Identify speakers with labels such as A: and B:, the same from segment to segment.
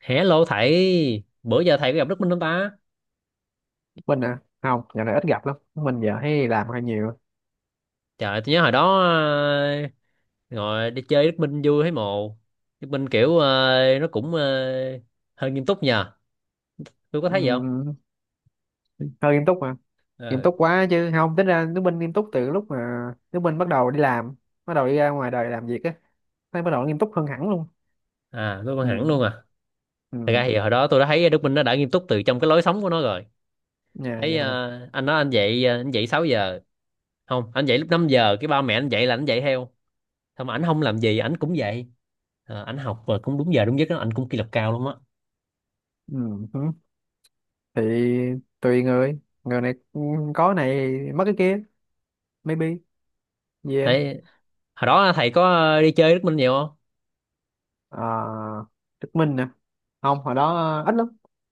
A: Hello thầy, bữa giờ thầy có gặp Đức Minh không ta?
B: Mình à, không dạo này ít gặp lắm. Mình giờ hay làm hơi nhiều.
A: Trời, tôi nhớ hồi đó ngồi đi chơi Đức Minh vui thấy mồ. Đức Minh kiểu nó cũng hơi nghiêm túc nhờ. Tôi có thấy vậy không?
B: Ừm, Hơi nghiêm túc mà nghiêm
A: Ờ,
B: túc quá. Chứ không tính ra nước Minh nghiêm túc từ lúc mà nước Minh bắt đầu đi làm, bắt đầu đi ra ngoài đời làm việc á, thấy bắt đầu nghiêm túc hơn hẳn luôn.
A: À, tôi còn hẳn
B: Ừ,
A: luôn à. Thật
B: ừ.
A: ra thì hồi đó tôi đã thấy Đức Minh nó đã nghiêm túc từ trong cái lối sống của nó rồi.
B: Nhà
A: Thấy
B: vậy hả?
A: anh nói anh dậy anh dậy 6 giờ. Không, anh dậy lúc 5 giờ, cái ba mẹ anh dậy là anh dậy theo. Xong mà ảnh không làm gì, ảnh cũng dậy. À, ảnh học và cũng đúng giờ đúng giấc đó, ảnh cũng kỷ luật cao lắm á.
B: Ừ hứ. Thì tùy người. Có này mất cái kia. Maybe. Yeah.
A: Thấy hồi đó thầy có đi chơi Đức Minh nhiều không?
B: à, Đức Minh nè, không, hồi đó ít lắm.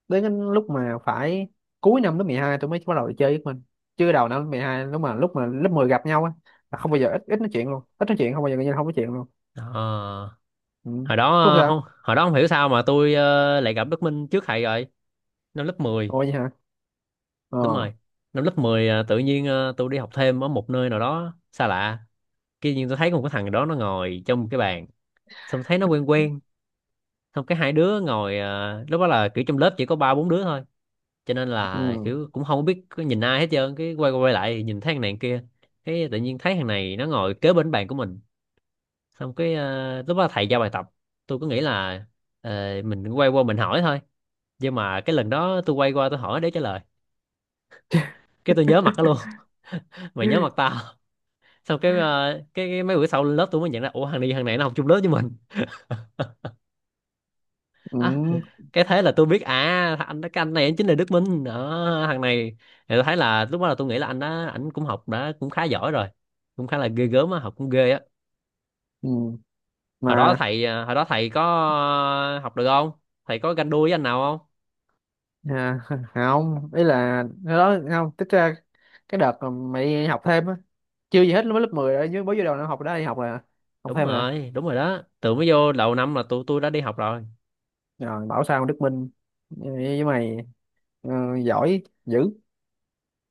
B: Đến cái lúc mà phải cuối năm lớp 12 tôi mới bắt đầu chơi với mình, chứ đầu năm lớp 12, lúc mà lớp 10 gặp nhau á là không bao giờ, ít ít nói chuyện luôn, ít nói chuyện, không bao giờ, coi như là không nói chuyện luôn.
A: Ờ,
B: Ừ.
A: Hồi đó
B: Thúc
A: không,
B: sao?
A: hồi đó không hiểu sao mà tôi lại gặp Đức Minh trước thầy rồi, năm lớp mười.
B: Ôi vậy hả?
A: Đúng
B: Ờ.
A: rồi, năm lớp 10 tự nhiên tôi đi học thêm ở một nơi nào đó xa lạ, kia nhiên tôi thấy có một cái thằng đó nó ngồi trong một cái bàn, xong thấy nó quen quen, xong cái hai đứa ngồi lúc đó là kiểu trong lớp chỉ có ba bốn đứa thôi, cho nên là
B: Ừ.
A: kiểu cũng không biết có nhìn ai hết trơn, cái quay qua quay lại thì nhìn thấy thằng này thằng kia, cái tự nhiên thấy thằng này nó ngồi kế bên bàn của mình, xong cái lúc đó thầy giao bài tập, tôi cứ nghĩ là ờ, mình quay qua mình hỏi thôi, nhưng mà cái lần đó tôi quay qua tôi hỏi để trả lời, cái tôi nhớ mặt nó luôn. Mày nhớ mặt tao. Xong cái mấy bữa sau lên lớp tôi mới nhận ra ủa thằng này, thằng này nó học chung lớp với mình. À,
B: Ừ.
A: cái thế là tôi biết, à anh này anh chính là Đức Minh đó, thằng này. Thì tôi thấy là lúc đó là tôi nghĩ là anh đó anh cũng học đã cũng khá giỏi rồi, cũng khá là ghê gớm á, học cũng ghê á.
B: Ừ.
A: Hồi đó
B: Mà
A: thầy học được không? Thầy có ganh đua với anh nào không?
B: à, không, ý là cái đó không tức ra. Cái đợt mà mày đi học thêm á, chưa gì hết lúc lớp 10 rồi, chứ mới vô đầu năm học đó đi học là học
A: Đúng
B: thêm rồi.
A: rồi, đúng rồi, đó từ mới vô đầu năm là tụi tôi đã đi học rồi.
B: Rồi bảo sao Đức Minh với mày ờ, giỏi dữ.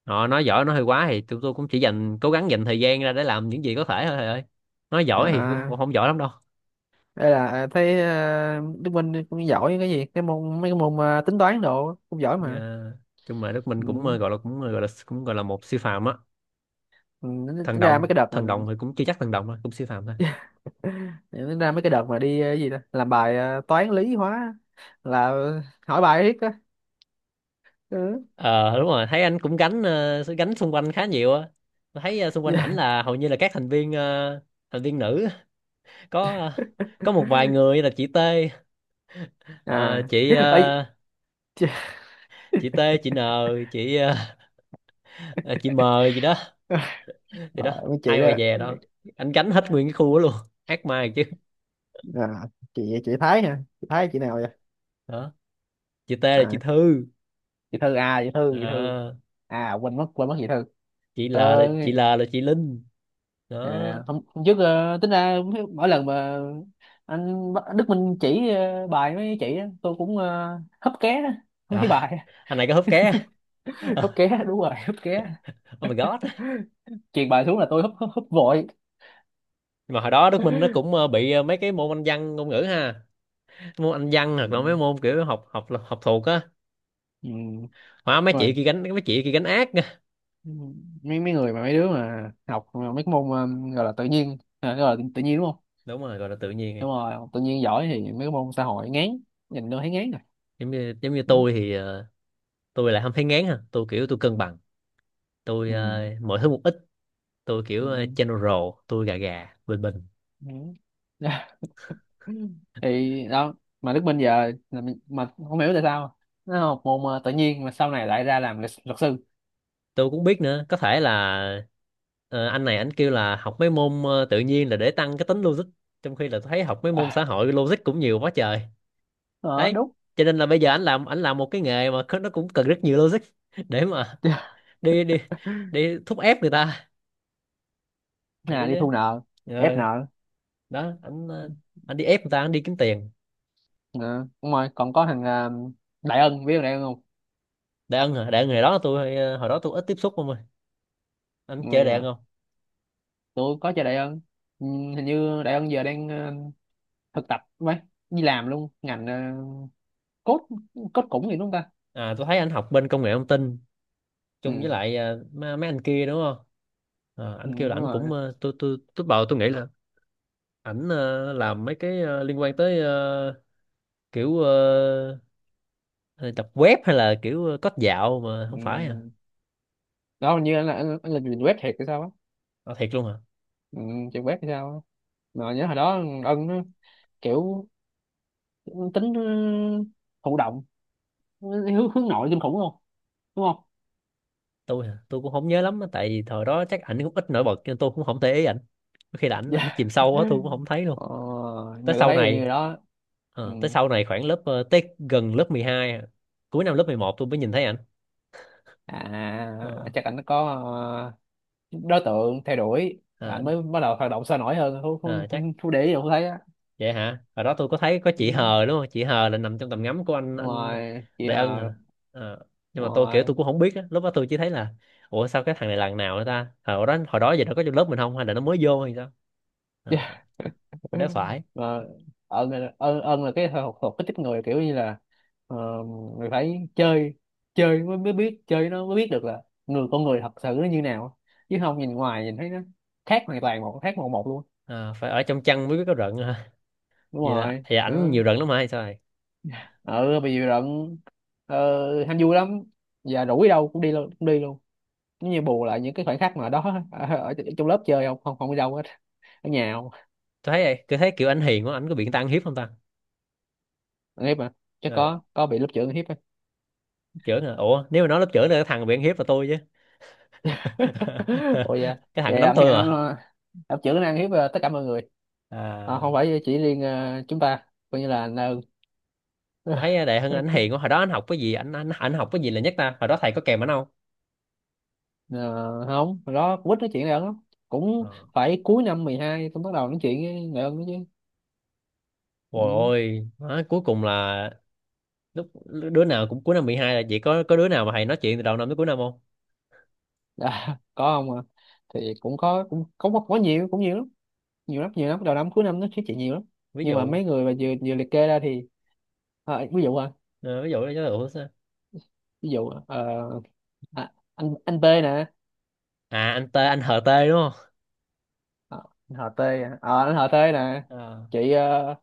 A: Họ nói giỏi nói hơi quá, thì tụi tôi cũng chỉ dành, cố gắng dành thời gian ra để làm những gì có thể thôi thầy ơi. Nói giỏi thì cũng cũng
B: À,
A: không giỏi lắm đâu.
B: đây là thấy Đức Minh cũng giỏi cái gì, cái môn, mấy cái môn tính toán đồ cũng giỏi mà.
A: À, chung mà Đức Minh cũng
B: Ừ.
A: gọi là một siêu phàm á.
B: Ừ, tính
A: Thần
B: tính ra
A: đồng,
B: mấy cái đợt
A: thần
B: mình,
A: đồng thì cũng chưa chắc thần đồng đâu, cũng siêu phàm thôi.
B: tính ra mấy cái đợt mà đi cái gì đó, làm bài toán lý hóa là hỏi bài riết á. Ừ.
A: Ờ đúng rồi, thấy anh cũng gánh gánh xung quanh khá nhiều á. Tôi thấy xung quanh ảnh
B: Dạ.
A: là hầu như là các thành viên thành viên nữ. Có có một vài người là chị T, ờ,
B: À.
A: chị ờ,
B: Ấy. Chị.
A: chị T, chị N, chị ờ, ờ, chị M gì đó. Thì
B: Ờ,
A: đó,
B: mấy chị
A: ai mà
B: đó.
A: dè đâu anh gánh hết nguyên cái khu đó luôn, ác ma chứ.
B: À, chị Thái hả? Chị Thái chị nào vậy?
A: Đó, chị T là chị
B: À,
A: Thư.
B: chị Thư à? Chị Thư, chị Thư.
A: À,
B: À quên mất, quên mất chị Thư.
A: chị L là
B: Ờ.
A: chị Linh. Đó.
B: À, hôm, hôm trước tính ra mỗi lần mà Đức Minh chỉ bài mấy chị á, tôi cũng húp ké
A: À,
B: mấy bài.
A: anh này có húp ké.
B: Hấp ké, đúng rồi, hấp ké.
A: Oh my god.
B: Truyền bài xuống là tôi hấp hấp húp vội.
A: Mà hồi đó Đức Minh nó cũng mấy cái môn Anh văn ngôn ngữ ha, môn Anh văn hoặc là mấy
B: Ừ.
A: môn kiểu học học học thuộc á,
B: Ừ.
A: hóa, mấy chị
B: Rồi,
A: kia gánh, mấy chị kia gánh ác nha.
B: mấy mấy người mà mấy đứa mà học mà mấy cái môn gọi là tự nhiên gọi là tự nhiên đúng không?
A: Đúng rồi, gọi là tự nhiên.
B: Đúng rồi, học tự nhiên giỏi thì mấy cái môn xã hội ngán, nhìn đâu thấy ngán rồi.
A: Giống như, giống như
B: Ừ.
A: tôi thì tôi lại không thấy ngán ha, tôi kiểu tôi cân bằng, tôi
B: Ừ.
A: mọi thứ một ít, tôi kiểu
B: Ừ.
A: general, tôi gà gà bình bình.
B: Ừ. Ừ. Thì đó, mà Đức Minh giờ là mà không hiểu tại sao nó học môn tự nhiên mà sau này lại ra làm luật, luật sư.
A: Tôi cũng biết nữa, có thể là anh này anh kêu là học mấy môn tự nhiên là để tăng cái tính logic, trong khi là tôi thấy học mấy môn xã
B: À.
A: hội logic cũng nhiều quá trời.
B: Ờ,
A: Đấy,
B: đúng.
A: cho nên là bây giờ anh làm, anh làm một cái nghề mà nó cũng cần rất nhiều logic. Để mà đi, đi đi thúc ép người ta, để
B: À,
A: cái
B: đi
A: chứ.
B: thu nợ, ép
A: Ờ,
B: nợ.
A: đó anh anh đi ép người ta, anh đi kiếm tiền.
B: Ờ, đúng rồi. Còn có thằng Đại Ân, biết thằng Đại Ân không?
A: Đại Ân hả? Đại Ân hồi đó tôi hồi đó tôi ít tiếp xúc, không ơi. Anh chơi
B: Ôi,
A: Đại Ân
B: ờ,
A: không?
B: tôi có chơi Đại Ân. Ừ, hình như Đại Ân giờ đang thực tập mấy, đi làm luôn ngành cốt, cốt cũng gì đúng không ta?
A: À tôi thấy anh học bên công nghệ thông tin chung với
B: Ừ,
A: lại à, mấy anh kia đúng không? À,
B: ừ
A: anh kêu
B: đúng
A: là anh cũng
B: rồi.
A: tôi bảo tôi nghĩ là ảnh làm mấy cái liên quan tới kiểu ờ, ờ, tập web hay là kiểu code dạo mà
B: Ừ.
A: không phải à.
B: Đó, hình như anh là làm web thiệt hay sao á.
A: À, thiệt luôn à.
B: Ừ, chuyện web hay sao á. Mà nhớ hồi đó, ân nó kiểu, tính ừ, thụ động, hướng, hướng nội kinh khủng luôn, đúng không?
A: Tôi hả? Tôi cũng không nhớ lắm á, tại vì thời đó chắc ảnh cũng ít nổi bật nên tôi cũng không để ý ảnh, có khi là ảnh ảnh
B: Dạ.
A: chìm sâu quá tôi cũng không thấy luôn.
B: Ờ,
A: Tới
B: nhưng
A: sau
B: thấy
A: này
B: như đó. Ừ.
A: khoảng lớp tới gần lớp 12 à, cuối năm lớp 11 tôi mới nhìn thấy ảnh. Ờ.
B: À, chắc anh có ờ, đối tượng theo đuổi,
A: À,
B: anh mới bắt đầu hoạt động sôi nổi hơn. không không
A: ờ, chắc
B: không, không để ý đâu, không thấy á.
A: vậy hả? Hồi đó tôi có thấy có chị
B: Ừ.
A: Hờ đúng không? Chị Hờ là nằm trong tầm ngắm của anh
B: Đúng
A: anh
B: rồi, chị
A: Đại Ân
B: Hờ.
A: hả? Ờ, nhưng
B: Đúng
A: mà tôi kiểu tôi
B: rồi.
A: cũng không biết á, lúc đó tôi chỉ thấy là ủa sao cái thằng này lần nào nữa ta? Ờ, hồi đó, hồi đó giờ nó có trong lớp mình không hay là nó mới vô hay sao? Ờ,
B: Dạ.
A: nếu phải.
B: Và ân là, ân ân là cái học thuộc cái tiếp người, kiểu như là ờ, người phải chơi, chơi mới, mới biết chơi nó mới biết được là người, con người thật sự nó như nào, chứ không nhìn ngoài, nhìn thấy nó khác hoàn toàn, một khác một một luôn.
A: Ờ, phải ở trong chăn mới biết có rận hả?
B: Đúng
A: Vậy là
B: rồi.
A: vậy, ảnh
B: Ừ,
A: nhiều rận lắm hả hay sao vậy?
B: ừ bị dịu rận. Ờ, ham vui lắm, và rủ đi đâu cũng đi luôn, cũng đi luôn, giống như bù lại những cái khoảnh khắc mà đó. Ở trong lớp chơi, không không không đi đâu hết, ở nhà không.
A: Tôi thấy, tôi thấy kiểu ảnh hiền quá, ảnh có bị người ta ăn hiếp không ta?
B: Ăn hiếp mà, chắc
A: Ờ,
B: có bị lớp trưởng ăn hiếp.
A: trưởng hả? Ủa, nếu mà nói lớp trưởng là cái thằng bị ăn hiếp là tôi chứ.
B: Ủa dạ,
A: Cái thằng nó
B: vậy
A: đánh
B: anh
A: tôi
B: anh
A: mà.
B: ờ, anh chữ năng hiếp tất cả mọi người. Ờ,
A: À,
B: không phải chỉ riêng chúng ta, coi như là anh ơn.
A: tôi thấy Đại Hưng anh hiền quá, hồi đó anh học cái gì, anh học cái gì là nhất ta, hồi đó thầy có kèm anh không?
B: Ờ, không hồi đó quýt nói chuyện này lắm, cũng
A: Ờ.
B: phải cuối năm 12 tôi bắt đầu nói chuyện với người ơn đó chứ.
A: Ôi
B: Ừ.
A: ôi, má, cuối cùng là lúc đứa nào cũng cuối năm mười hai, là chỉ có đứa nào mà thầy nói chuyện từ đầu năm tới cuối năm không?
B: À, có không, à thì cũng có, cũng có nhiều, cũng nhiều lắm, nhiều lắm nhiều lắm, đầu năm cuối năm nó nói chuyện nhiều lắm.
A: Ví
B: Nhưng mà
A: dụ,
B: mấy người mà vừa vừa liệt kê ra thì ví dụ à,
A: ờ, ví dụ là ủa sao?
B: ví dụ à, anh B nè.
A: À anh T, anh HT đúng không?
B: Ờ, anh họ tê à. Ờ, anh họ tê nè.
A: Ờ.
B: Chị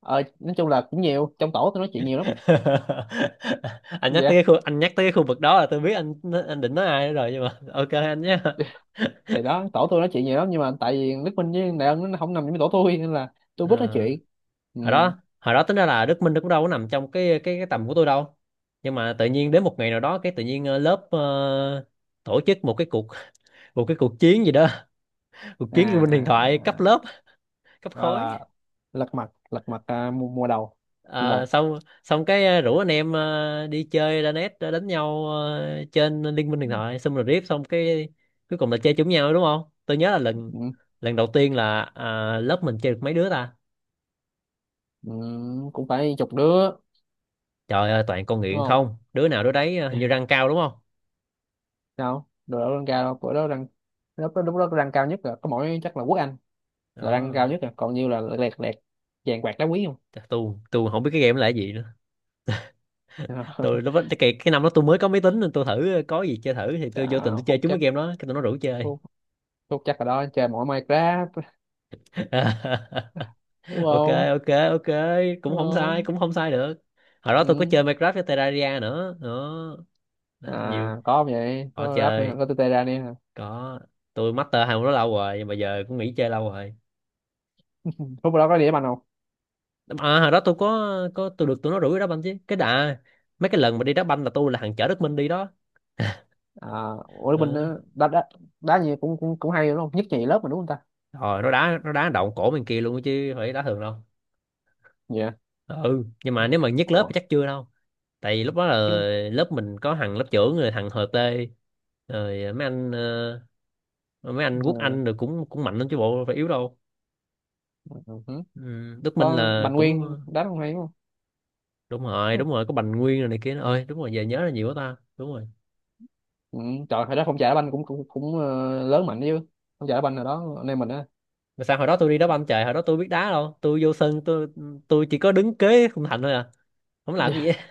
B: ờ, nói chung là cũng nhiều, trong tổ tôi nói chuyện nhiều lắm.
A: Anh nhắc tới cái
B: Dạ.
A: khu, anh nhắc tới cái khu vực đó là tôi biết anh định nói ai rồi, nhưng mà ok anh nhé.
B: Thì đó, tổ tôi nói chuyện nhiều lắm, nhưng mà tại vì Đức Minh với Đại Ân nó không nằm trong cái tổ tôi nên là tôi
A: Ờ.
B: biết nói chuyện. Ừ.
A: Hồi đó, hồi đó tính ra là Đức Minh nó cũng đâu có nằm trong cái tầm của tôi đâu, nhưng mà tự nhiên đến một ngày nào đó cái tự nhiên tổ chức một cái cuộc, một cái cuộc chiến gì đó, cuộc
B: À,
A: chiến Liên minh huyền thoại
B: à,
A: cấp
B: à,
A: lớp, cấp
B: gọi
A: khối.
B: là lật mặt, lật mặt à, mùa, mùa đầu, mùa
A: Ờ,
B: một
A: xong, xong cái rủ anh em đi chơi ra net đánh nhau trên Liên minh huyền thoại, xong rồi riết xong cái cuối cùng là chơi chung nhau đúng không. Tôi nhớ là lần
B: Ừ.
A: lần đầu tiên là à, lớp mình chơi được mấy đứa ta.
B: Ừ. Cũng phải chục đứa,
A: Trời ơi, toàn con
B: đúng
A: nghiện
B: không?
A: không, đứa nào đứa đấy hình như
B: Dạ.
A: răng cao đúng không.
B: Sao đồ đó lên cao, bữa đó đang, lúc đó đang cao nhất là có mỗi chắc là Quốc Anh là đang
A: Đó.
B: cao nhất, rồi còn nhiêu là lẹt lẹt vàng bạc đá quý không.
A: Chắc tôi không biết cái game đó là cái gì nữa. Tôi nó cái năm đó tôi mới có máy tính nên tôi thử có gì chơi thử, thì tôi vô tình tôi
B: Chà,
A: chơi
B: Phúc
A: trúng cái
B: chắc,
A: game đó, cái tụi nó rủ chơi.
B: Phúc, Phúc chắc ở đó chơi mỗi Minecraft đúng
A: Ok,
B: không?
A: ok. cũng
B: Đúng
A: không sai
B: không.
A: cũng không sai được. Hồi đó
B: Ừ.
A: tôi có chơi Minecraft với Terraria nữa đó. Đó,
B: À
A: nhiều.
B: có không vậy,
A: Có
B: có rap nữa,
A: chơi,
B: có tê tê ra đi hả?
A: có, tôi master hai môn đó lâu rồi, nhưng mà giờ cũng nghỉ chơi lâu rồi.
B: Phúc ở đó có đĩa banh không?
A: À hồi đó tôi có tôi được tụi nó rủ đi đá banh chứ cái đà. Mấy cái lần mà đi đá banh là tôi là thằng chở Đức Minh đi đó.
B: À, ủa bên đó
A: Ờ.
B: đá, đá đá gì cũng cũng cũng hay đúng không, nhất nhì lớp mà đúng không ta?
A: Rồi nó đá, nó đá động cổ bên kia luôn chứ phải đá thường đâu.
B: Dạ.
A: Ờ, ừ nhưng mà nếu mà nhất lớp
B: Ủa,
A: thì chắc chưa đâu, tại vì lúc đó là
B: chứ
A: lớp mình có thằng lớp trưởng rồi thằng Hợp Tê, rồi mấy anh mấy anh Quốc
B: ờ,
A: Anh, rồi cũng cũng mạnh lắm chứ bộ phải yếu đâu.
B: ừ. Hử.
A: Ừ, Đức Minh
B: Có
A: là
B: Bành
A: cũng
B: Nguyên đá không, hay đúng không?
A: đúng rồi, đúng rồi có Bành Nguyên rồi này kia nữa ơi, đúng rồi giờ nhớ là nhiều quá ta, đúng rồi.
B: Ừ, trời hồi đó phong trào đá banh cũng cũng cũng lớn mạnh chứ, phong trào đá banh hồi đó anh em mình á.
A: Mà sao hồi đó tôi đi đá banh, trời hồi đó tôi biết đá đâu, tôi vô sân tôi chỉ có đứng kế khung thành thôi à, không làm gì hết.
B: Dạ.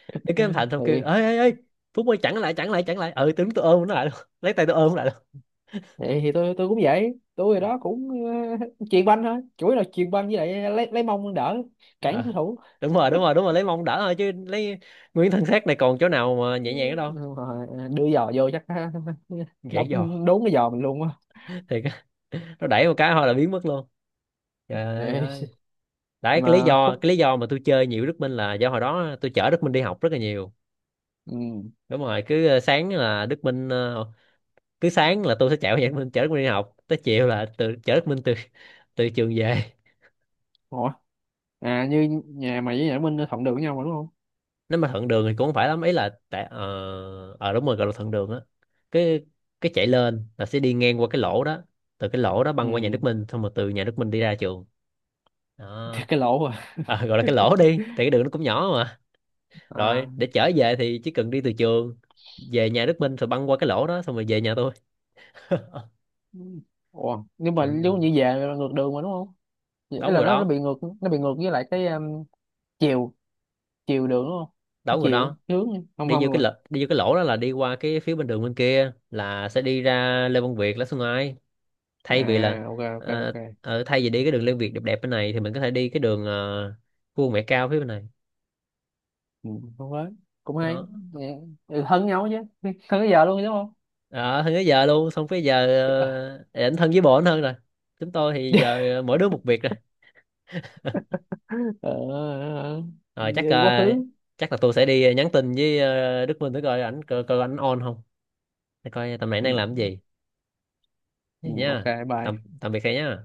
A: Đứng kế khung thành xong kêu
B: Thì,
A: ê ê ê Phúc ơi chặn lại, chặn lại, chặn lại, ừ tôi đứng tôi ôm nó lại luôn. Lấy tay tôi ôm nó lại.
B: vậy thì tôi cũng vậy, tôi hồi đó cũng chuyền banh thôi, chủ yếu là chuyền banh, với lại lấy mông đỡ, cản đối
A: À,
B: thủ.
A: đúng rồi đúng rồi lấy mông đỡ thôi, chứ lấy nguyên thân xác này còn chỗ nào mà nhẹ nhàng ở đâu.
B: Đúng rồi, đưa giò vô chắc
A: Gãy giò
B: đóng đốn cái giò mình luôn á.
A: thì nó đẩy một cái thôi là biến mất luôn, trời
B: Ê.
A: ơi. Đấy,
B: Nhưng mà Phúc.
A: cái lý do mà tôi chơi nhiều Đức Minh là do hồi đó tôi chở Đức Minh đi học rất là nhiều.
B: Ừ.
A: Đúng rồi, cứ sáng là Đức Minh cứ sáng là tôi sẽ chạy qua nhà Đức Minh chở Đức Minh đi học, tới chiều là chở Đức Minh từ, từ trường về.
B: Ủa? À như nhà mày với nhà Minh thuận đường với nhau mà đúng không?
A: Nếu mà thuận đường thì cũng không phải lắm, ý là tại đúng rồi gọi là thuận đường á. Cái cái chạy lên là sẽ đi ngang qua cái lỗ đó, từ cái lỗ đó băng qua nhà
B: Ừ.
A: Đức Minh, xong rồi từ nhà Đức Minh đi ra trường. Đó.
B: Thì cái lỗ à.
A: À, gọi là cái lỗ đi, tại cái đường nó cũng nhỏ mà.
B: À.
A: Rồi để trở về thì chỉ cần đi từ trường về nhà Đức Minh rồi băng qua cái lỗ đó xong rồi về nhà tôi.
B: Ủa nhưng mà
A: Thuận
B: giống
A: đường,
B: như về là ngược đường mà đúng không? Ấy
A: đón
B: là
A: người
B: nó
A: đó,
B: bị ngược, nó bị ngược với lại cái chiều, chiều đường đúng không,
A: đón người
B: chiều
A: đó.
B: hướng không không luôn à.
A: Đi vô cái lỗ đó là đi qua cái phía bên đường bên kia là sẽ đi ra Lê Văn Việt Lã Xuân Ai, thay vì là
B: À ok ok ok.
A: ờ, ở thay vì đi cái đường Liên Việt đẹp đẹp bên này thì mình có thể đi cái đường Vua Mẹ Cao phía bên này.
B: Ừ, đúng đấy, cũng hay.
A: Đó.
B: Dạ. Ừ, thân nhau chứ, thân bây giờ luôn đúng không?
A: Ở hơn tới giờ luôn, xong tới giờ ảnh thân với bộ ảnh hơn rồi, chúng tôi thì
B: Dạ.
A: giờ mỗi đứa một việc rồi.
B: Ờ, ờ, ờ.
A: Rồi chắc
B: Về quá khứ.
A: chắc là tôi sẽ đi nhắn tin với Đức Minh để coi ảnh, coi ảnh on không, để coi tầm này
B: Ừ,
A: đang làm cái gì.
B: ừ,
A: Vậy
B: ok.
A: nha. Tạm,
B: Bye.
A: tạm biệt thầy nhá.